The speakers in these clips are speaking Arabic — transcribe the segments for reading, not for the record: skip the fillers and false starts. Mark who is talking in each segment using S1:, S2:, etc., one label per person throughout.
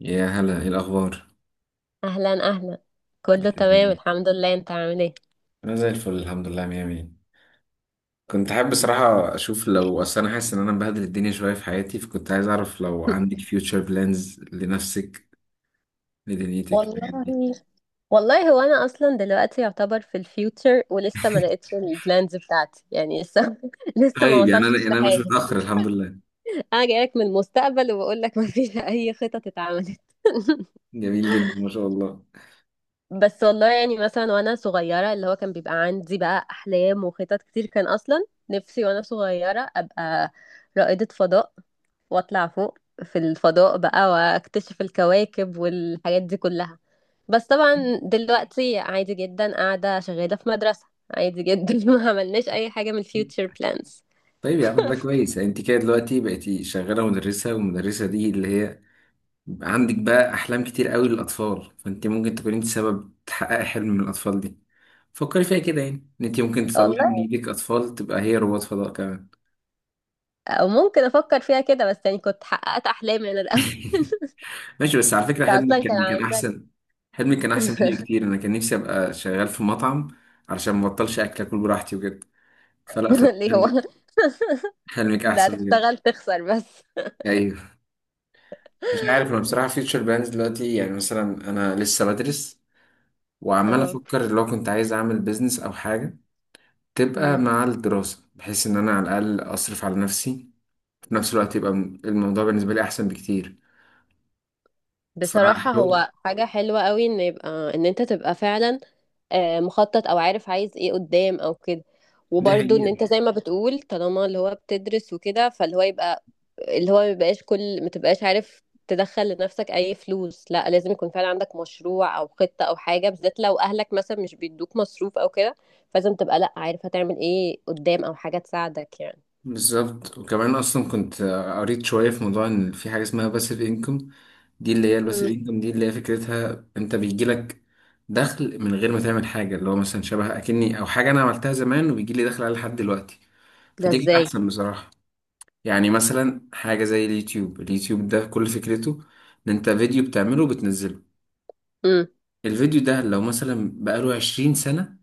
S1: يا هلا، ايه الاخبار؟
S2: اهلا اهلا، كله تمام الحمد لله، انت عامل ايه؟
S1: انا زي الفل الحمد لله، مية مية. كنت حابب بصراحة اشوف لو، اصل انا حاسس ان انا مبهدل الدنيا شوية في حياتي، فكنت عايز اعرف لو عندك فيوتشر بلانز لنفسك لدنيتك
S2: والله
S1: الحاجات دي.
S2: والله هو انا اصلا دلوقتي يعتبر في الفيوتشر ولسه ما لقيتش البلانز بتاعتي، يعني لسه لسه ما
S1: طيب، يعني انا يعني
S2: وصلتش
S1: انا مش
S2: لحاجه.
S1: متأخر الحمد لله.
S2: انا جايلك من المستقبل وبقول لك ما فيش اي خطط اتعملت.
S1: جميل جدا ما شاء الله.
S2: بس والله يعني مثلا وانا صغيره اللي هو كان بيبقى عندي بقى احلام وخطط كتير، كان اصلا نفسي وانا صغيره ابقى رائده فضاء واطلع فوق في الفضاء بقى واكتشف الكواكب والحاجات دي كلها. بس طبعا دلوقتي عادي جدا قاعده شغاله في مدرسه، عادي جدا ما عملناش اي حاجه من الفيوتشر بلانز.
S1: طيب يا عم، ده كويس. يعني انت كده دلوقتي بقيتي شغالة مدرسة، والمدرسة دي اللي هي عندك بقى أحلام كتير قوي للأطفال، فأنت ممكن تكون أنت سبب تحققي حلم من الأطفال دي. فكري فيها كده، يعني إن أنت ممكن تطلعي من
S2: والله
S1: إيدك أطفال تبقى هي رواد فضاء كمان.
S2: او ممكن افكر فيها كده، بس يعني كنت حققت احلامي انا الاول.
S1: ماشي، بس على فكرة
S2: انت
S1: حلمي
S2: اصلا كان
S1: كان
S2: عندك
S1: أحسن. حلمي كان أحسن مني بكتير، أنا كان نفسي أبقى شغال في مطعم علشان ما بطلش أكل براحتي وكده. فحلمك
S2: ليه؟ هو
S1: حلمك، حلمك
S2: ده
S1: أحسن بجد.
S2: هتشتغل تخسر بس.
S1: أيوه. مش عارف أنا بصراحة، فيوتشر بلانز دلوقتي، يعني مثلا أنا لسه بدرس، وعمال
S2: اه.
S1: أفكر لو كنت عايز أعمل بيزنس أو حاجة تبقى
S2: أمم.
S1: مع الدراسة، بحيث إن أنا على الأقل أصرف على نفسي في نفس الوقت، يبقى الموضوع بالنسبة لي أحسن بكتير.
S2: بصراحة
S1: فحاول.
S2: هو حاجة حلوة قوي ان يبقى، ان انت تبقى فعلا مخطط او عارف عايز ايه قدام او كده.
S1: دي
S2: وبرضه ان
S1: حقيقة.
S2: انت زي ما بتقول، طالما اللي هو بتدرس وكده، فاللي هو يبقى اللي هو ما يبقاش كل ما تبقاش عارف تدخل لنفسك اي فلوس، لا، لازم يكون فعلا عندك مشروع او خطة او حاجة، بالذات لو اهلك مثلا مش بيدوك مصروف او كده. فلازم تبقى، لا، عارف هتعمل ايه قدام، او حاجة تساعدك يعني.
S1: بالظبط. وكمان أصلا كنت قريت شوية في موضوع إن في حاجة اسمها باسيف إنكم. دي اللي هي الباسيف
S2: أمم.
S1: إنكم دي، اللي هي فكرتها أنت بيجيلك دخل من غير ما تعمل حاجة، اللي هو مثلا شبه أكني، أو حاجة أنا عملتها زمان وبيجيلي دخل عليها لحد دلوقتي.
S2: ده
S1: فدي كانت
S2: ازاي؟
S1: أحسن بصراحة. يعني مثلا حاجة زي اليوتيوب، ده كل فكرته إن أنت فيديو بتعمله وبتنزله. الفيديو ده لو مثلا بقاله 20 سنة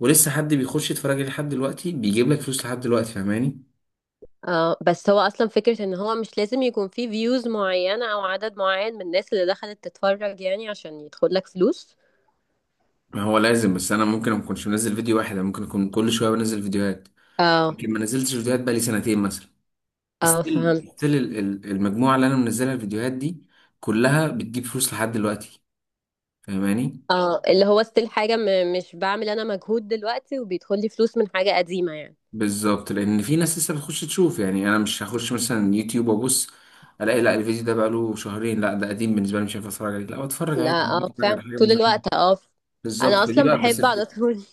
S1: ولسه حد بيخش يتفرج عليه لحد دلوقتي، بيجيب لك فلوس لحد دلوقتي، فاهماني؟
S2: اه، بس هو اصلا فكرة ان هو مش لازم يكون فيه فيوز معينة او عدد معين من الناس اللي دخلت تتفرج، يعني عشان يدخل لك فلوس.
S1: ما هو لازم، بس انا ممكن ما اكونش منزل فيديو واحد، انا ممكن اكون كل شوية بنزل فيديوهات.
S2: اه.
S1: يمكن ما نزلتش فيديوهات بقالي سنتين مثلا،
S2: اه
S1: ستيل
S2: فهمت.
S1: ستيل المجموعة اللي انا منزلها الفيديوهات دي كلها بتجيب فلوس لحد دلوقتي، فاهماني؟
S2: اه، اللي هو ستيل حاجة مش بعمل انا مجهود دلوقتي وبيدخل لي فلوس من حاجة قديمة يعني.
S1: بالظبط، لان في ناس لسه بتخش تشوف. يعني انا مش هخش مثلا يوتيوب وابص الاقي، لا الفيديو ده بقاله شهرين، لا ده قديم بالنسبة لي مش هينفع اتفرج عليه، لا بتفرج
S2: لا،
S1: عادي، ممكن
S2: اه
S1: اتفرج
S2: فعلا،
S1: على حاجة من
S2: طول
S1: زمان.
S2: الوقت، اه.
S1: بالظبط،
S2: انا
S1: فدي
S2: اصلا
S1: بقى. بس
S2: بحب على طول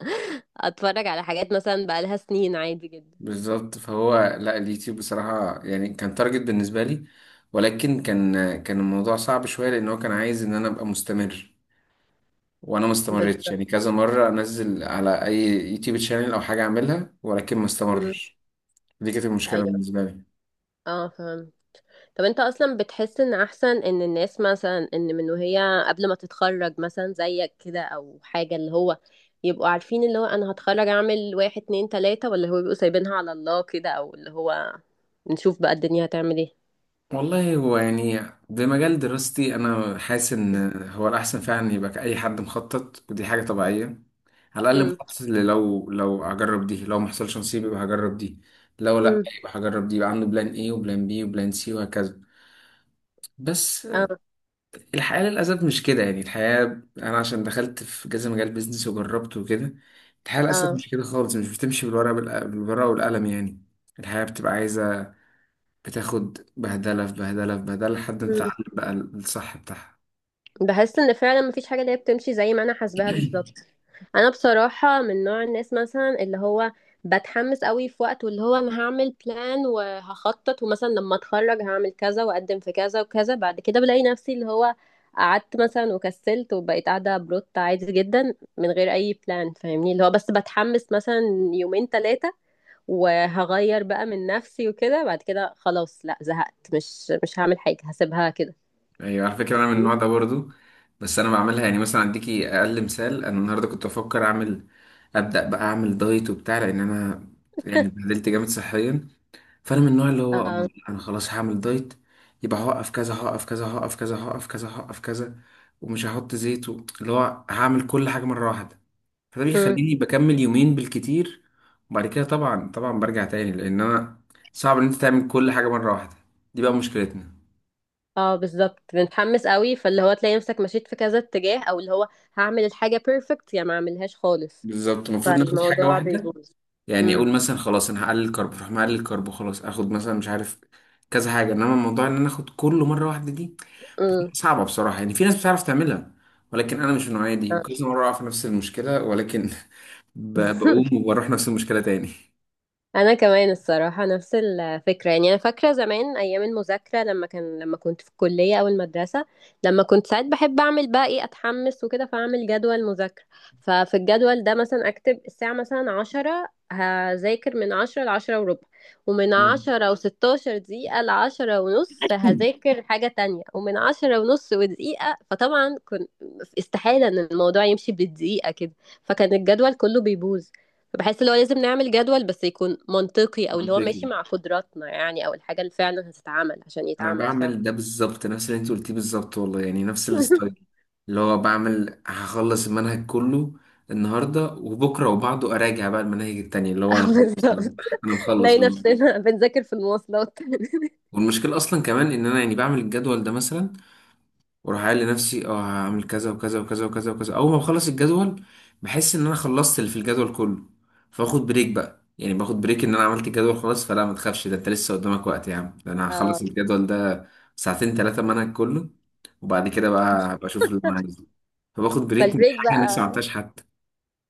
S2: اتفرج على حاجات مثلا بقالها سنين، عادي جدا.
S1: بالظبط. فهو، لا اليوتيوب بصراحة يعني كان تارجت بالنسبة لي، ولكن كان، كان الموضوع صعب شوية لأن هو كان عايز إن أنا أبقى مستمر، وأنا ما استمرتش.
S2: بالظبط.
S1: يعني كذا مرة أنزل على أي يوتيوب تشانل أو حاجة أعملها ولكن ما
S2: مم.
S1: استمرش. دي كانت المشكلة
S2: ايوه.
S1: بالنسبة لي.
S2: اه فهمت. طب انت اصلا بتحس ان احسن ان الناس مثلا، ان من وهي قبل ما تتخرج مثلا، زيك كده او حاجة، اللي هو يبقوا عارفين اللي هو انا هتخرج اعمل واحد اتنين تلاتة، ولا هو بيبقوا سايبينها على الله كده، او اللي هو نشوف بقى الدنيا هتعمل ايه.
S1: والله هو يعني بمجال دراستي انا حاسس ان هو الاحسن فعلا يبقى اي حد مخطط، ودي حاجه طبيعيه. على الاقل
S2: امم.
S1: مخطط اللي، لو هجرب دي، لو ما حصلش نصيب يبقى هجرب دي، لو لا
S2: امم.
S1: يبقى هجرب دي، يبقى عنده بلان ايه وبلان بي وبلان سي وهكذا. بس
S2: اه.
S1: الحياه للاسف مش كده. يعني الحياه، انا عشان دخلت في كذا مجال بيزنس وجربت وكده، الحياه للاسف
S2: اه.
S1: مش كده خالص، مش بتمشي بالورقه، بالورقه والقلم يعني. الحياه بتبقى عايزه بتاخد بهدلة في بهدلة في بهدلة لحد ما
S2: امم.
S1: تتعلم بقى الصح بتاعها.
S2: بحس ان فعلا مفيش حاجة اللي هي بتمشي زي ما انا حاسباها بالظبط. انا بصراحه من نوع الناس مثلا اللي هو بتحمس قوي في وقت، واللي هو انا هعمل بلان وهخطط، ومثلا لما اتخرج هعمل كذا واقدم في كذا وكذا. بعد كده بلاقي نفسي اللي هو قعدت مثلا وكسلت وبقيت قاعده بروت عادي جدا من غير اي بلان، فاهمني؟ اللي هو بس بتحمس مثلا يومين ثلاثه وهغير بقى من نفسي وكده، بعد كده خلاص، لا زهقت، مش هعمل حاجه، هسيبها كده.
S1: ايوه على فكرة انا من النوع ده برضو. بس انا بعملها، يعني مثلا اديكي اقل مثال، انا النهارده كنت بفكر اعمل، ابدا بقى اعمل دايت وبتاع، لان انا يعني اتبهدلت جامد صحيا. فانا من النوع اللي هو
S2: آه.
S1: انا خلاص هعمل دايت، يبقى هوقف كذا هوقف كذا هوقف كذا هوقف كذا هوقف كذا، ومش هحط زيت اللي هو هعمل كل حاجة مرة واحدة. فده بيخليني بكمل يومين بالكتير، وبعد كده طبعا برجع تاني، لان انا صعب ان انت تعمل كل حاجه مره واحده. دي بقى مشكلتنا.
S2: اه بالظبط، بنتحمس قوي فاللي هو تلاقي نفسك مشيت في كذا اتجاه، او اللي هو هعمل الحاجة بيرفكت يا ما اعملهاش خالص،
S1: بالظبط المفروض ناخد حاجه
S2: فالموضوع
S1: واحده.
S2: بيبوظ.
S1: يعني
S2: امم.
S1: اقول مثلا خلاص انا هقلل كرب، فاروح مقلل الكرب خلاص، اخد مثلا مش عارف كذا حاجه، انما موضوع ان انا اخد كله مره واحده دي
S2: امم.
S1: بتبقى صعبه بصراحه. يعني في ناس بتعرف تعملها، ولكن انا مش من النوعيه دي، وكذا مره اقع في نفس المشكله، ولكن بقوم وبروح نفس المشكله تاني.
S2: انا كمان الصراحه نفس الفكره، يعني انا فاكره زمان ايام المذاكره، لما كنت في الكليه او المدرسه، لما كنت ساعات بحب اعمل بقى ايه، اتحمس وكده فاعمل جدول مذاكره. ففي الجدول ده مثلا اكتب الساعه مثلا عشرة هذاكر من عشرة لعشرة وربع، ومن
S1: مم.
S2: عشرة وستاشر دقيقة لعشرة ونص هذاكر حاجة تانية، ومن عشرة ونص ودقيقة، فطبعا كنت استحالة ان الموضوع يمشي بالدقيقة كده، فكان الجدول كله بيبوظ. فبحس اللي هو لازم نعمل جدول بس يكون منطقي، او اللي هو ماشي
S1: منطقي.
S2: مع قدراتنا يعني، او الحاجة اللي فعلا هتتعمل عشان
S1: انا
S2: يتعمل
S1: بعمل ده
S2: فعلا.
S1: بالظبط نفس اللي انت قلتيه بالظبط والله، يعني نفس الستايل. اللي هو بعمل هخلص المنهج كله النهارده وبكره وبعده اراجع بقى المناهج التانية، اللي هو انا خلاص، انا،
S2: بالظبط.
S1: انا مخلص
S2: نلاقي
S1: والله.
S2: نفسنا بنذاكر في المواصلات.
S1: والمشكله اصلا كمان ان انا يعني بعمل الجدول ده مثلا، واروح قايل لنفسي اه هعمل كذا وكذا وكذا وكذا وكذا، اول ما بخلص الجدول بحس ان انا خلصت اللي في الجدول كله، فاخد بريك بقى، يعني باخد بريك ان انا عملت الجدول خلاص، فلا ما تخافش ده انت لسه قدامك وقت يا عم، ده انا هخلص
S2: اه،
S1: الجدول ده ساعتين ثلاثه منهج كله، وبعد كده بقى هبقى اشوف اللي انا عايزه. فباخد بريك من
S2: فالبريك
S1: حاجه أنا لسه ما
S2: بقى.
S1: عملتهاش حتى.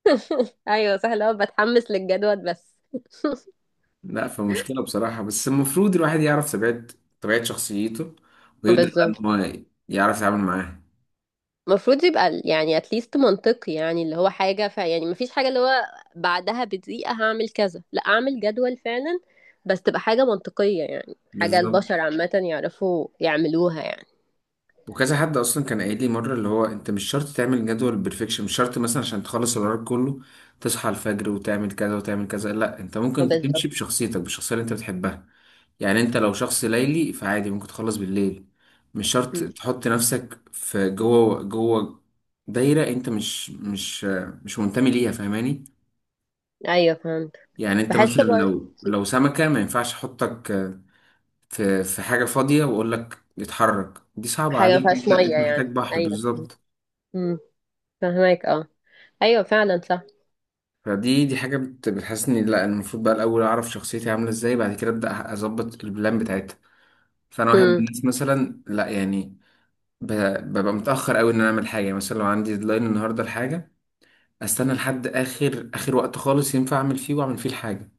S2: ايوه سهل اهو، بتحمس للجدول بس.
S1: لا فمشكله بصراحه، بس المفروض الواحد يعرف طبيعه، طبيعه شخصيته، ويبدا بقى ان
S2: بالظبط،
S1: هو يعرف يتعامل معاها.
S2: المفروض يبقى ال- يعني اتليست منطقي، يعني اللي هو حاجة، ف يعني مفيش حاجة اللي هو بعدها بدقيقة هعمل كذا، لا اعمل جدول فعلا بس تبقى حاجة منطقية يعني، حاجة
S1: بالظبط.
S2: البشر عامة يعرفوا يعملوها يعني.
S1: وكذا حد اصلا كان قايل لي مره، اللي هو انت مش شرط تعمل جدول بيرفكشن، مش شرط مثلا عشان تخلص الورق كله تصحى الفجر وتعمل كذا وتعمل كذا، لا انت
S2: اه
S1: ممكن تمشي
S2: بالظبط.
S1: بشخصيتك، بالشخصيه اللي انت بتحبها. يعني انت لو شخص ليلي فعادي ممكن تخلص بالليل، مش شرط
S2: مم.
S1: تحط نفسك في جوه دايره انت مش منتمي ليها، فاهماني؟
S2: ايوه فهمت.
S1: يعني انت
S2: بحس
S1: مثلا،
S2: برضه
S1: لو سمكه ما ينفعش احطك في حاجه فاضيه واقول لك اتحرك، دي صعبه
S2: حاجه ما
S1: عليك،
S2: فيهاش
S1: انت
S2: ميه
S1: انت محتاج
S2: يعني،
S1: بحر
S2: ايوه.
S1: بالظبط.
S2: امم. فهمك، اه. ايوه فعلا صح.
S1: فدي حاجة بتحسسني لا، المفروض بقى الأول أعرف شخصيتي عاملة إزاي، بعد كده أبدأ أظبط البلان بتاعتها. فأنا واحد من
S2: امم.
S1: الناس مثلا، لا يعني ب- ببقى متأخر أوي إن أنا أعمل حاجة، يعني مثلا لو عندي ديدلاين النهاردة لحاجة، أستنى لحد آخر وقت خالص ينفع أعمل فيه، وأعمل فيه الحاجة.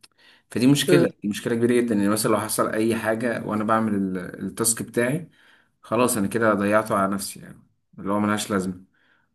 S1: فدي مشكلة، دي مشكلة كبيرة جدا. يعني مثلا لو حصل أي حاجة وأنا بعمل التاسك بتاعي، خلاص أنا كده ضيعته على نفسي، يعني اللي هو ملهاش لازمة.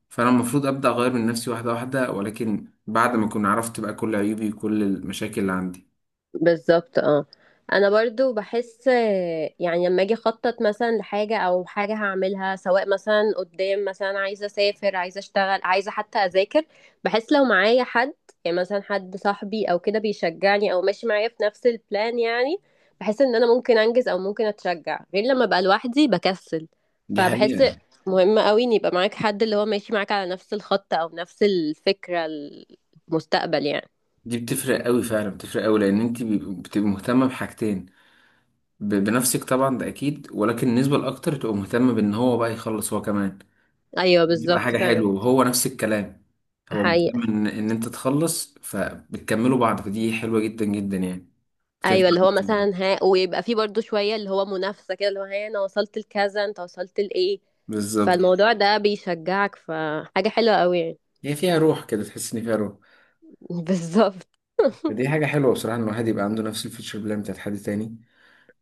S1: فانا المفروض ابدا اغير من نفسي واحده واحده، ولكن بعد ما اكون عرفت بقى كل عيوبي وكل المشاكل اللي عندي.
S2: بالظبط. اه انا برضو بحس يعني لما اجي اخطط مثلا لحاجه او حاجه هعملها، سواء مثلا قدام، مثلا عايزه اسافر، عايزه اشتغل، عايزه حتى اذاكر، بحس لو معايا حد، يعني مثلا حد صاحبي او كده بيشجعني او ماشي معايا في نفس البلان يعني، بحس ان انا ممكن انجز او ممكن اتشجع، غير لما ابقى لوحدي بكسل.
S1: دي حقيقه.
S2: فبحس مهم قوي ان يبقى معاك حد اللي هو ماشي معاك على نفس الخط او نفس الفكره، المستقبل يعني.
S1: دي بتفرق قوي فعلا، بتفرق قوي، لان انت بتبقي مهتمه بحاجتين، بنفسك طبعا ده اكيد، ولكن النسبه الاكتر تبقى مهتمه بان هو بقى يخلص هو كمان.
S2: ايوه
S1: بتبقى
S2: بالظبط
S1: حاجه
S2: فعلا.
S1: حلوه، وهو نفس الكلام، هو مهتم
S2: حقيقة.
S1: ان انت تخلص، فبتكملوا بعض. فدي حلوه جدا جدا يعني،
S2: ايوه،
S1: بتنفع
S2: اللي هو
S1: جداً.
S2: مثلا ها، ويبقى فيه برضو شويه اللي هو منافسه كده، اللي هو ها انا وصلت لكذا، انت وصلت لايه؟
S1: بالظبط.
S2: فالموضوع ده بيشجعك، فحاجه حلوه قوي يعني.
S1: هي فيها روح كده، تحس ان فيها روح.
S2: بالظبط.
S1: فدي حاجه حلوه بصراحه، ان الواحد يبقى عنده نفس الفيتشر بلان بتاعت حد تاني.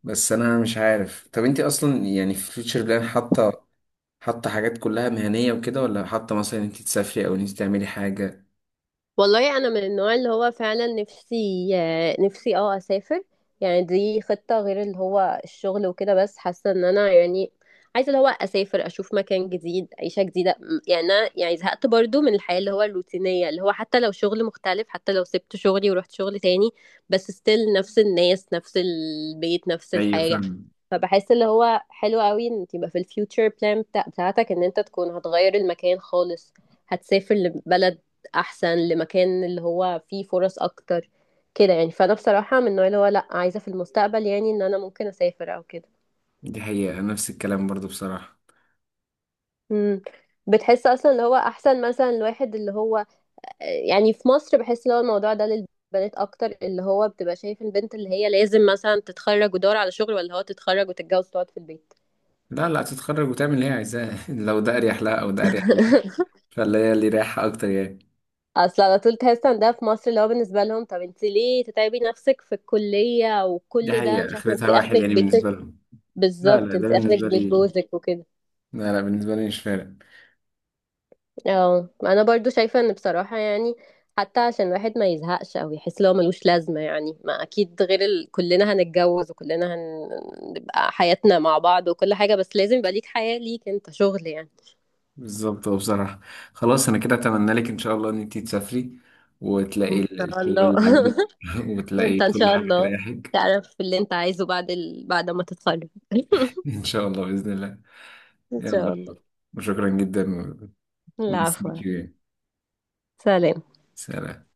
S1: بس انا مش عارف، طب انت اصلا يعني في فيوتشر بلان حاطه حاجات كلها مهنيه وكده، ولا حاطه مثلا انت تسافري او انت تعملي حاجه؟
S2: والله انا من النوع اللي هو فعلا نفسي نفسي اه اسافر، يعني دي خطة غير اللي هو الشغل وكده. بس حاسة ان انا يعني عايزة اللي هو اسافر، اشوف مكان جديد، عيشة جديدة، يعني انا يعني زهقت برضو من الحياة اللي هو الروتينية، اللي هو حتى لو شغل مختلف، حتى لو سبت شغلي ورحت شغل تاني، بس ستيل نفس الناس، نفس البيت، نفس
S1: ايوه
S2: الحاجة.
S1: فاهم.
S2: فبحس اللي هو حلو قوي ان يبقى في الفيوتشر بلان بتاعتك ان انت تكون هتغير المكان خالص، هتسافر لبلد احسن، لمكان اللي هو فيه فرص اكتر كده يعني. فانا بصراحه من النوع اللي هو لا، عايزه في المستقبل يعني ان انا ممكن اسافر او كده.
S1: دي حقيقه، نفس الكلام برضو بصراحه.
S2: امم. بتحس اصلا اللي هو احسن مثلا الواحد اللي هو يعني في مصر، بحس اللي هو الموضوع ده للبنات اكتر، اللي هو بتبقى شايف البنت اللي هي لازم مثلا تتخرج ودور على شغل، ولا هو تتخرج وتتجوز وتقعد في البيت.
S1: لا تتخرج وتعمل اللي هي عايزاه لو ده اريح لها او ده اريح لها، فاللي هي اللي رايحه اكتر يعني.
S2: اصل على طول تحس ان ده في مصر اللي هو بالنسبه لهم طب انت ليه تتعبي نفسك في الكليه
S1: دي
S2: وكل ده،
S1: حقيقه،
S2: مش عارفه، انت
S1: اخرتها واحد
S2: اخرك
S1: يعني بالنسبه
S2: بيتك.
S1: لهم. لا
S2: بالظبط،
S1: لا ده
S2: انت اخرك
S1: بالنسبه
S2: بيت
S1: لي،
S2: جوزك وكده.
S1: لا بالنسبه لي مش فارق.
S2: اه انا برضو شايفة ان بصراحة يعني حتى عشان الواحد ما يزهقش او يحس لو ملوش لازمة يعني، ما اكيد غير ال... كلنا هنتجوز، وكلنا هنبقى حياتنا مع بعض وكل حاجة، بس لازم يبقى ليك حياة، ليك انت شغل يعني.
S1: بالظبط. هو بصراحة، خلاص أنا كده أتمنى لك إن شاء الله إن أنتي تسافري، وتلاقي
S2: ان شاء
S1: الشغل
S2: الله.
S1: اللي عاجبك وتلاقي
S2: وانت ان
S1: كل
S2: شاء
S1: حاجة
S2: الله
S1: تريحك.
S2: تعرف اللي انت عايزه بعد ال... بعد ما تتخرج.
S1: إن شاء الله بإذن الله.
S2: ان
S1: يلا،
S2: شاء الله.
S1: وشكرا جدا nice to
S2: العفو.
S1: meet you.
S2: سلام.
S1: سلام.